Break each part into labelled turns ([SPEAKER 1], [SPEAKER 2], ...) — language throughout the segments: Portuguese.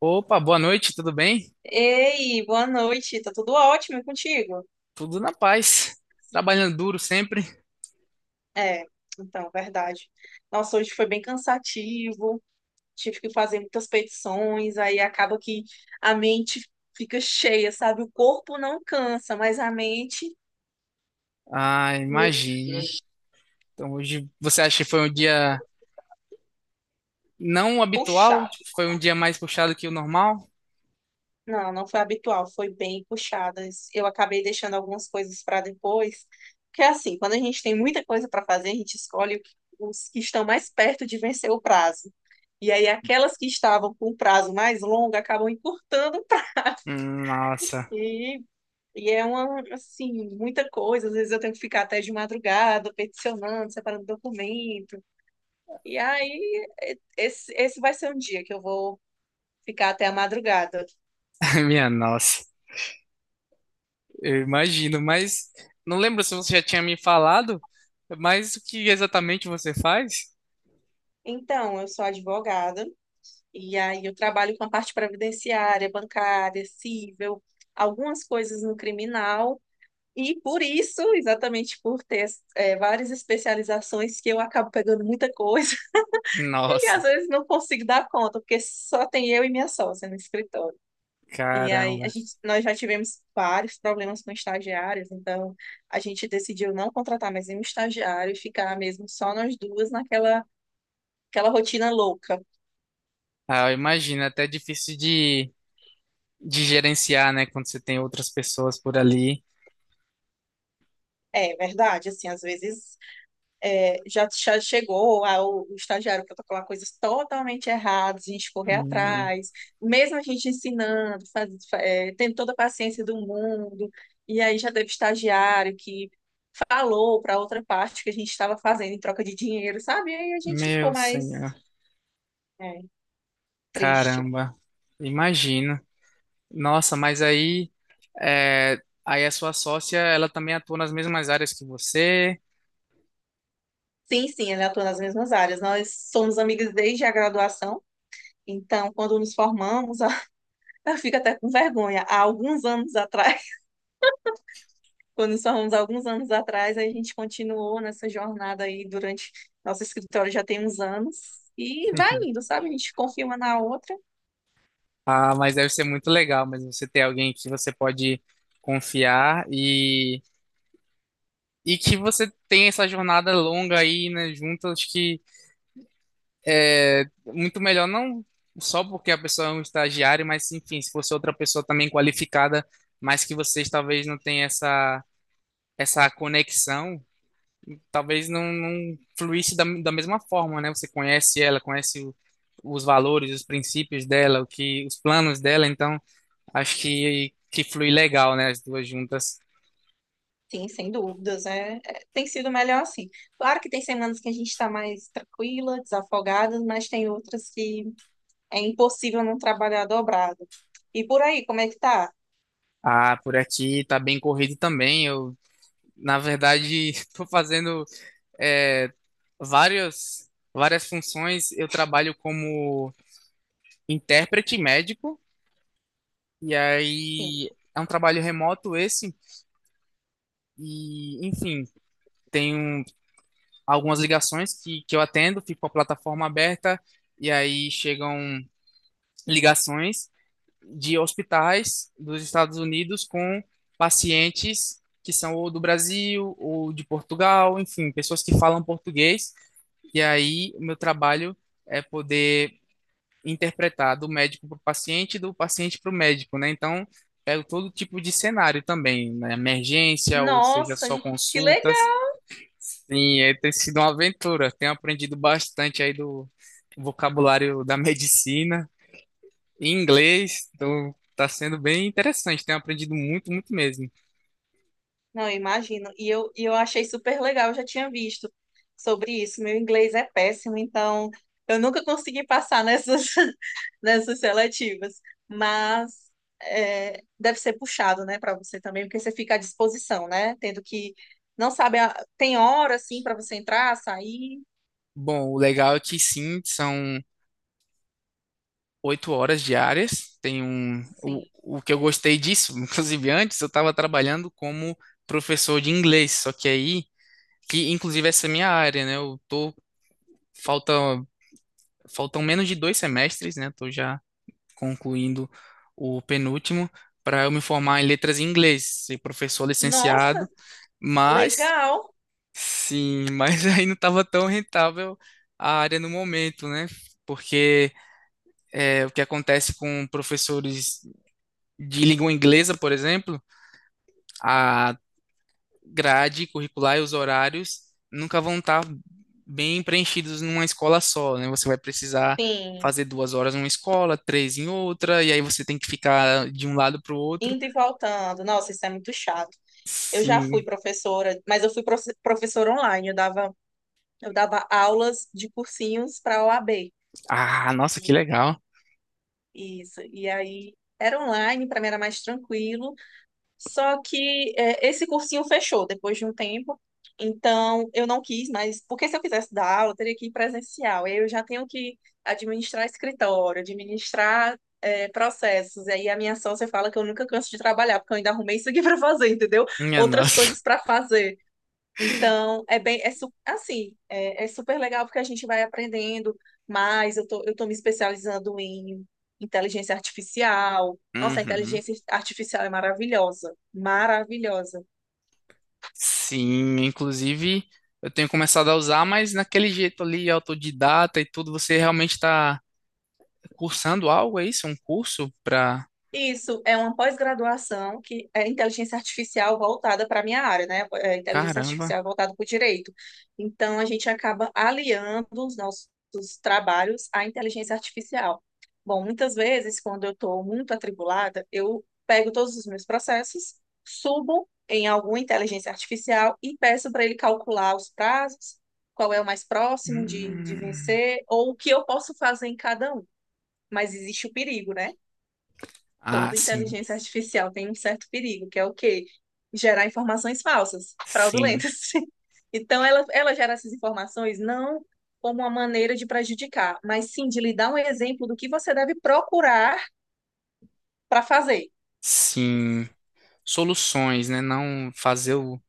[SPEAKER 1] Opa, boa noite, tudo bem?
[SPEAKER 2] Ei, boa noite. Tá tudo ótimo e contigo?
[SPEAKER 1] Tudo na paz. Trabalhando duro sempre.
[SPEAKER 2] É, então, verdade. Nossa, hoje foi bem cansativo. Tive que fazer muitas petições, aí acaba que a mente fica cheia, sabe? O corpo não cansa, mas a mente,
[SPEAKER 1] Ah,
[SPEAKER 2] mente
[SPEAKER 1] imagino. Então hoje você acha que foi um dia não habitual?
[SPEAKER 2] puxa.
[SPEAKER 1] Tipo, foi um dia mais puxado que o normal?
[SPEAKER 2] Não, não foi habitual, foi bem puxadas. Eu acabei deixando algumas coisas para depois, porque assim, quando a gente tem muita coisa para fazer, a gente escolhe os que estão mais perto de vencer o prazo. E aí aquelas que estavam com um prazo mais longo acabam encurtando
[SPEAKER 1] Nossa.
[SPEAKER 2] e, e é uma assim, muita coisa. Às vezes eu tenho que ficar até de madrugada peticionando, separando documento. E aí esse vai ser um dia que eu vou ficar até a madrugada.
[SPEAKER 1] Minha nossa. Eu imagino, mas não lembro se você já tinha me falado, mas o que exatamente você faz?
[SPEAKER 2] Então, eu sou advogada. E aí eu trabalho com a parte previdenciária, bancária, cível, algumas coisas no criminal. E por isso, exatamente por ter várias especializações, que eu acabo pegando muita coisa e às
[SPEAKER 1] Nossa,
[SPEAKER 2] vezes não consigo dar conta, porque só tem eu e minha sócia no escritório. E aí a
[SPEAKER 1] caramba.
[SPEAKER 2] gente, nós já tivemos vários problemas com estagiários, então a gente decidiu não contratar mais nenhum estagiário e ficar mesmo só nós duas naquela aquela rotina louca.
[SPEAKER 1] Ah, eu imagino, é até difícil de gerenciar, né, quando você tem outras pessoas por ali.
[SPEAKER 2] É verdade, assim, às vezes já chegou ah, o estagiário protocolar coisas totalmente erradas, a gente correr
[SPEAKER 1] Hum,
[SPEAKER 2] atrás, mesmo a gente ensinando, tendo toda a paciência do mundo, e aí já teve estagiário que falou para outra parte que a gente estava fazendo em troca de dinheiro, sabe? E aí a gente ficou
[SPEAKER 1] meu
[SPEAKER 2] mais
[SPEAKER 1] senhor.
[SPEAKER 2] eh, triste.
[SPEAKER 1] Caramba, imagino. Nossa, mas aí, é, aí a sua sócia, ela também atua nas mesmas áreas que você.
[SPEAKER 2] Sim, sim, ele atua nas mesmas áreas. Nós somos amigas desde a graduação, então quando nos formamos, ela fica até com vergonha. Há alguns anos atrás, quando somos alguns anos atrás, a gente continuou nessa jornada aí durante nosso escritório já tem uns anos e vai indo, sabe? A gente confia uma na outra.
[SPEAKER 1] Ah, mas deve ser muito legal, mas você ter alguém que você pode confiar e que você tem essa jornada longa aí, né, junto, acho que é muito melhor não só porque a pessoa é um estagiário, mas enfim, se fosse outra pessoa também qualificada, mas que vocês talvez não tenham essa conexão, talvez não, não fluísse da mesma forma, né? Você conhece ela, conhece os valores, os princípios dela, o que, os planos dela, então acho que flui legal, né? As duas juntas.
[SPEAKER 2] Sim, sem dúvidas, tem sido melhor assim. Claro que tem semanas que a gente está mais tranquila, desafogada, mas tem outras que é impossível não trabalhar dobrado. E por aí, como é que tá?
[SPEAKER 1] Ah, por aqui tá bem corrido também. Eu, na verdade, tô fazendo é, várias funções. Eu trabalho como intérprete médico, e
[SPEAKER 2] Sim.
[SPEAKER 1] aí é um trabalho remoto esse, e enfim. Tenho algumas ligações que eu atendo, fico com a plataforma aberta, e aí chegam ligações de hospitais dos Estados Unidos com pacientes que são ou do Brasil ou de Portugal, enfim, pessoas que falam português, e aí o meu trabalho é poder interpretar do médico para o paciente e do paciente para o médico, né? Então, pego todo tipo de cenário também, né? Emergência, ou seja,
[SPEAKER 2] Nossa,
[SPEAKER 1] só
[SPEAKER 2] que
[SPEAKER 1] consultas.
[SPEAKER 2] legal!
[SPEAKER 1] Sim, é, tem sido uma aventura. Tenho aprendido bastante aí do vocabulário da medicina e inglês. Então, tá sendo bem interessante. Tenho aprendido muito, muito mesmo.
[SPEAKER 2] Não, eu imagino. E eu achei super legal, eu já tinha visto sobre isso. Meu inglês é péssimo, então eu nunca consegui passar nessas, nessas seletivas. Mas é, deve ser puxado, né, para você também, porque você fica à disposição, né? Tendo que. Não sabe, a- tem hora, assim, para você entrar, sair.
[SPEAKER 1] Bom, o legal é que sim, são oito horas diárias. Tem
[SPEAKER 2] Sim.
[SPEAKER 1] o que eu gostei disso, inclusive antes, eu estava trabalhando como professor de inglês. Só que aí, que inclusive essa é a minha área, né? Eu tô, falta, faltam menos de dois semestres, né? Tô já concluindo o penúltimo, para eu me formar em letras em inglês, ser professor
[SPEAKER 2] Nossa,
[SPEAKER 1] licenciado, mas
[SPEAKER 2] legal.
[SPEAKER 1] sim, mas aí não estava tão rentável a área no momento, né? Porque é, o que acontece com professores de língua inglesa, por exemplo, a grade curricular e os horários nunca vão estar bem preenchidos numa escola só, né? Você vai precisar
[SPEAKER 2] Sim,
[SPEAKER 1] fazer duas horas numa escola, três em outra, e aí você tem que ficar de um lado para o outro.
[SPEAKER 2] indo e voltando. Nossa, isso é muito chato. Eu já fui
[SPEAKER 1] Sim.
[SPEAKER 2] professora, mas eu fui professora online, eu dava. Eu dava aulas de cursinhos para a OAB.
[SPEAKER 1] Ah, nossa, que
[SPEAKER 2] E-
[SPEAKER 1] legal.
[SPEAKER 2] Isso. E aí era online, para mim era mais tranquilo. Só que é, esse cursinho fechou depois de um tempo. Então eu não quis mas porque se eu quisesse dar aula, eu teria que ir presencial. Eu já tenho que administrar escritório, administrar processos. E aí a minha sócia fala que eu nunca canso de trabalhar, porque eu ainda arrumei isso aqui para fazer, entendeu?
[SPEAKER 1] Minha
[SPEAKER 2] Outras
[SPEAKER 1] nossa.
[SPEAKER 2] coisas para fazer. Então, é bem, assim, é super legal porque a gente vai aprendendo mais. Eu tô me especializando em inteligência artificial. Nossa, a
[SPEAKER 1] Uhum.
[SPEAKER 2] inteligência artificial é maravilhosa, maravilhosa.
[SPEAKER 1] Sim, inclusive eu tenho começado a usar, mas naquele jeito ali, autodidata e tudo, você realmente está cursando algo, é isso? Um curso pra.
[SPEAKER 2] Isso é uma pós-graduação que é inteligência artificial voltada para a minha área, né? É inteligência
[SPEAKER 1] Caramba.
[SPEAKER 2] artificial voltada para o direito. Então, a gente acaba aliando os nossos trabalhos à inteligência artificial. Bom, muitas vezes, quando eu estou muito atribulada, eu pego todos os meus processos, subo em alguma inteligência artificial e peço para ele calcular os prazos, qual é o mais próximo de
[SPEAKER 1] Hum.
[SPEAKER 2] vencer, ou o que eu posso fazer em cada um. Mas existe o perigo, né?
[SPEAKER 1] Ah,
[SPEAKER 2] Toda
[SPEAKER 1] sim,
[SPEAKER 2] inteligência artificial tem um certo perigo, que é o quê? Gerar informações falsas,
[SPEAKER 1] sim,
[SPEAKER 2] fraudulentas. Então, ela gera essas informações não como uma maneira de prejudicar, mas sim de lhe dar um exemplo do que você deve procurar para fazer.
[SPEAKER 1] sim. Soluções, né? Não fazer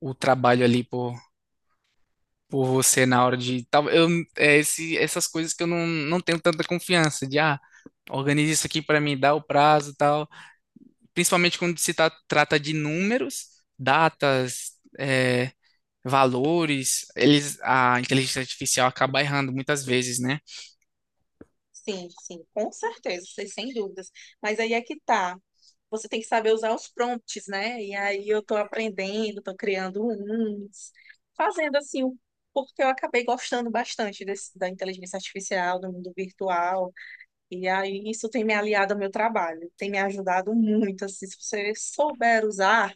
[SPEAKER 1] o trabalho ali por você na hora de tal, eu é esse essas coisas que eu não tenho tanta confiança de, ah, organize isso aqui para mim, dá o prazo e tal, principalmente quando se trata de números, datas, é, valores, eles, a inteligência artificial acaba errando muitas vezes, né?
[SPEAKER 2] Sim, sim, com certeza, sem dúvidas. Mas aí é que tá. Você tem que saber usar os prompts, né? E aí eu tô aprendendo, tô criando uns, fazendo assim, o- porque eu acabei gostando bastante desse- da inteligência artificial, do mundo virtual. E aí isso tem me aliado ao meu trabalho, tem me ajudado muito, assim, se você souber usar,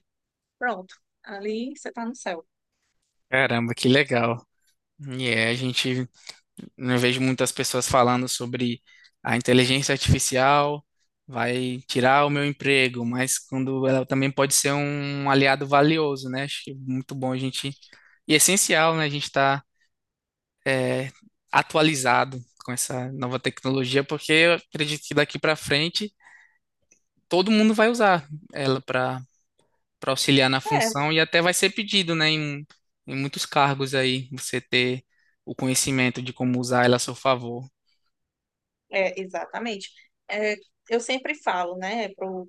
[SPEAKER 2] pronto, ali você tá no céu.
[SPEAKER 1] Caramba, que legal. E é a gente Não vejo muitas pessoas falando sobre a inteligência artificial vai tirar o meu emprego, mas quando ela também pode ser um aliado valioso, né? Acho que é muito bom a gente, é essencial, né? A gente estar atualizado com essa nova tecnologia, porque eu acredito que daqui para frente todo mundo vai usar ela para auxiliar na
[SPEAKER 2] É.
[SPEAKER 1] função e até vai ser pedido, né? Em muitos cargos aí você ter o conhecimento de como usar ela a seu favor.
[SPEAKER 2] É, exatamente. É, eu sempre falo, né, para o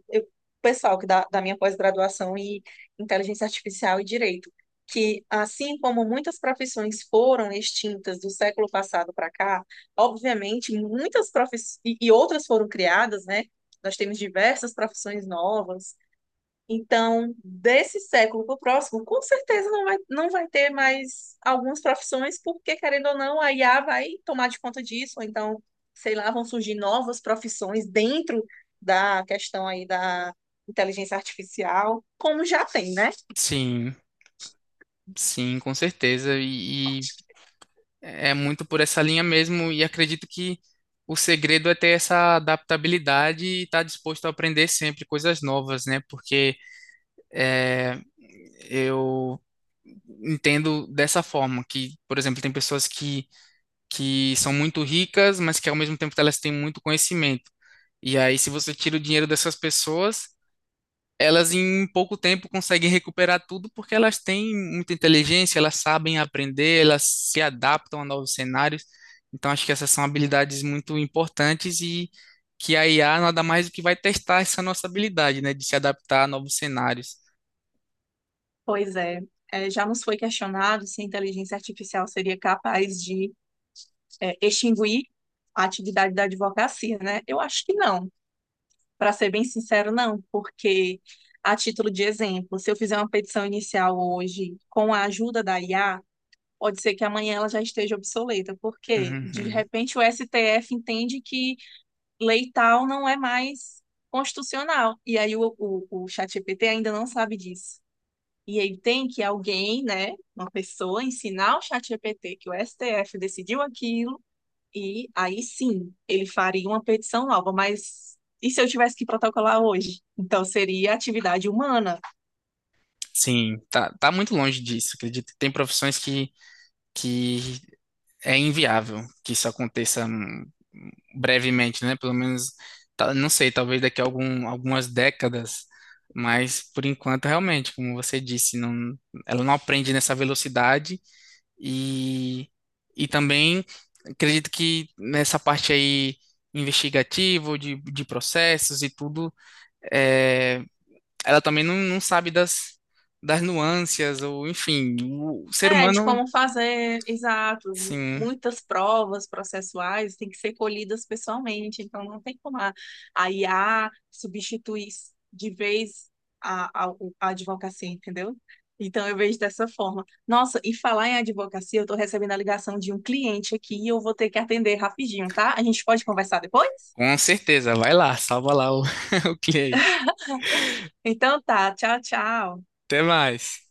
[SPEAKER 2] pessoal que dá, da minha pós-graduação em inteligência artificial e direito, que assim como muitas profissões foram extintas do século passado para cá, obviamente muitas profissões e outras foram criadas, né? Nós temos diversas profissões novas, então, desse século para o próximo, com certeza não vai ter mais algumas profissões, porque, querendo ou não, a IA vai tomar de conta disso, ou então, sei lá, vão surgir novas profissões dentro da questão aí da inteligência artificial, como já tem, né?
[SPEAKER 1] Sim. Sim, com certeza. E é muito por essa linha mesmo. E acredito que o segredo é ter essa adaptabilidade e estar disposto a aprender sempre coisas novas, né? Porque é, eu entendo dessa forma que, por exemplo, tem pessoas que são muito ricas, mas que ao mesmo tempo elas têm muito conhecimento. E aí, se você tira o dinheiro dessas pessoas, elas em pouco tempo conseguem recuperar tudo porque elas têm muita inteligência, elas sabem aprender, elas se adaptam a novos cenários. Então, acho que essas são habilidades muito importantes e que a IA nada mais do que vai testar essa nossa habilidade, né, de se adaptar a novos cenários.
[SPEAKER 2] Pois é, é, já nos foi questionado se a inteligência artificial seria capaz extinguir a atividade da advocacia, né? Eu acho que não. Para ser bem sincero, não, porque a título de exemplo, se eu fizer uma petição inicial hoje com a ajuda da IA, pode ser que amanhã ela já esteja obsoleta, porque de
[SPEAKER 1] Uhum.
[SPEAKER 2] repente o STF entende que lei tal não é mais constitucional, e aí o ChatGPT ainda não sabe disso. E aí tem que alguém, né, uma pessoa, ensinar o ChatGPT que o STF decidiu aquilo e aí sim, ele faria uma petição nova, mas e se eu tivesse que protocolar hoje? Então seria atividade humana.
[SPEAKER 1] Sim, tá muito longe disso, acredito. Tem profissões que é inviável que isso aconteça, brevemente, né? Pelo menos, tá- não sei, talvez daqui a algumas décadas, mas por enquanto, realmente, como você disse, não, ela não aprende nessa velocidade e, e também acredito que nessa parte aí investigativa, de processos e tudo, é, ela também não sabe das nuances, ou enfim, o ser
[SPEAKER 2] É, de
[SPEAKER 1] humano,
[SPEAKER 2] como fazer, exato.
[SPEAKER 1] sim.
[SPEAKER 2] Muitas provas processuais têm que ser colhidas pessoalmente, então não tem como a IA substituir de vez a, a, a advocacia, entendeu? Então eu vejo dessa forma. Nossa, e falar em advocacia, eu estou recebendo a ligação de um cliente aqui e eu vou ter que atender rapidinho, tá? A gente pode conversar depois?
[SPEAKER 1] Com certeza, vai lá, salva lá o, o cliente.
[SPEAKER 2] Então tá, tchau, tchau.
[SPEAKER 1] Até mais.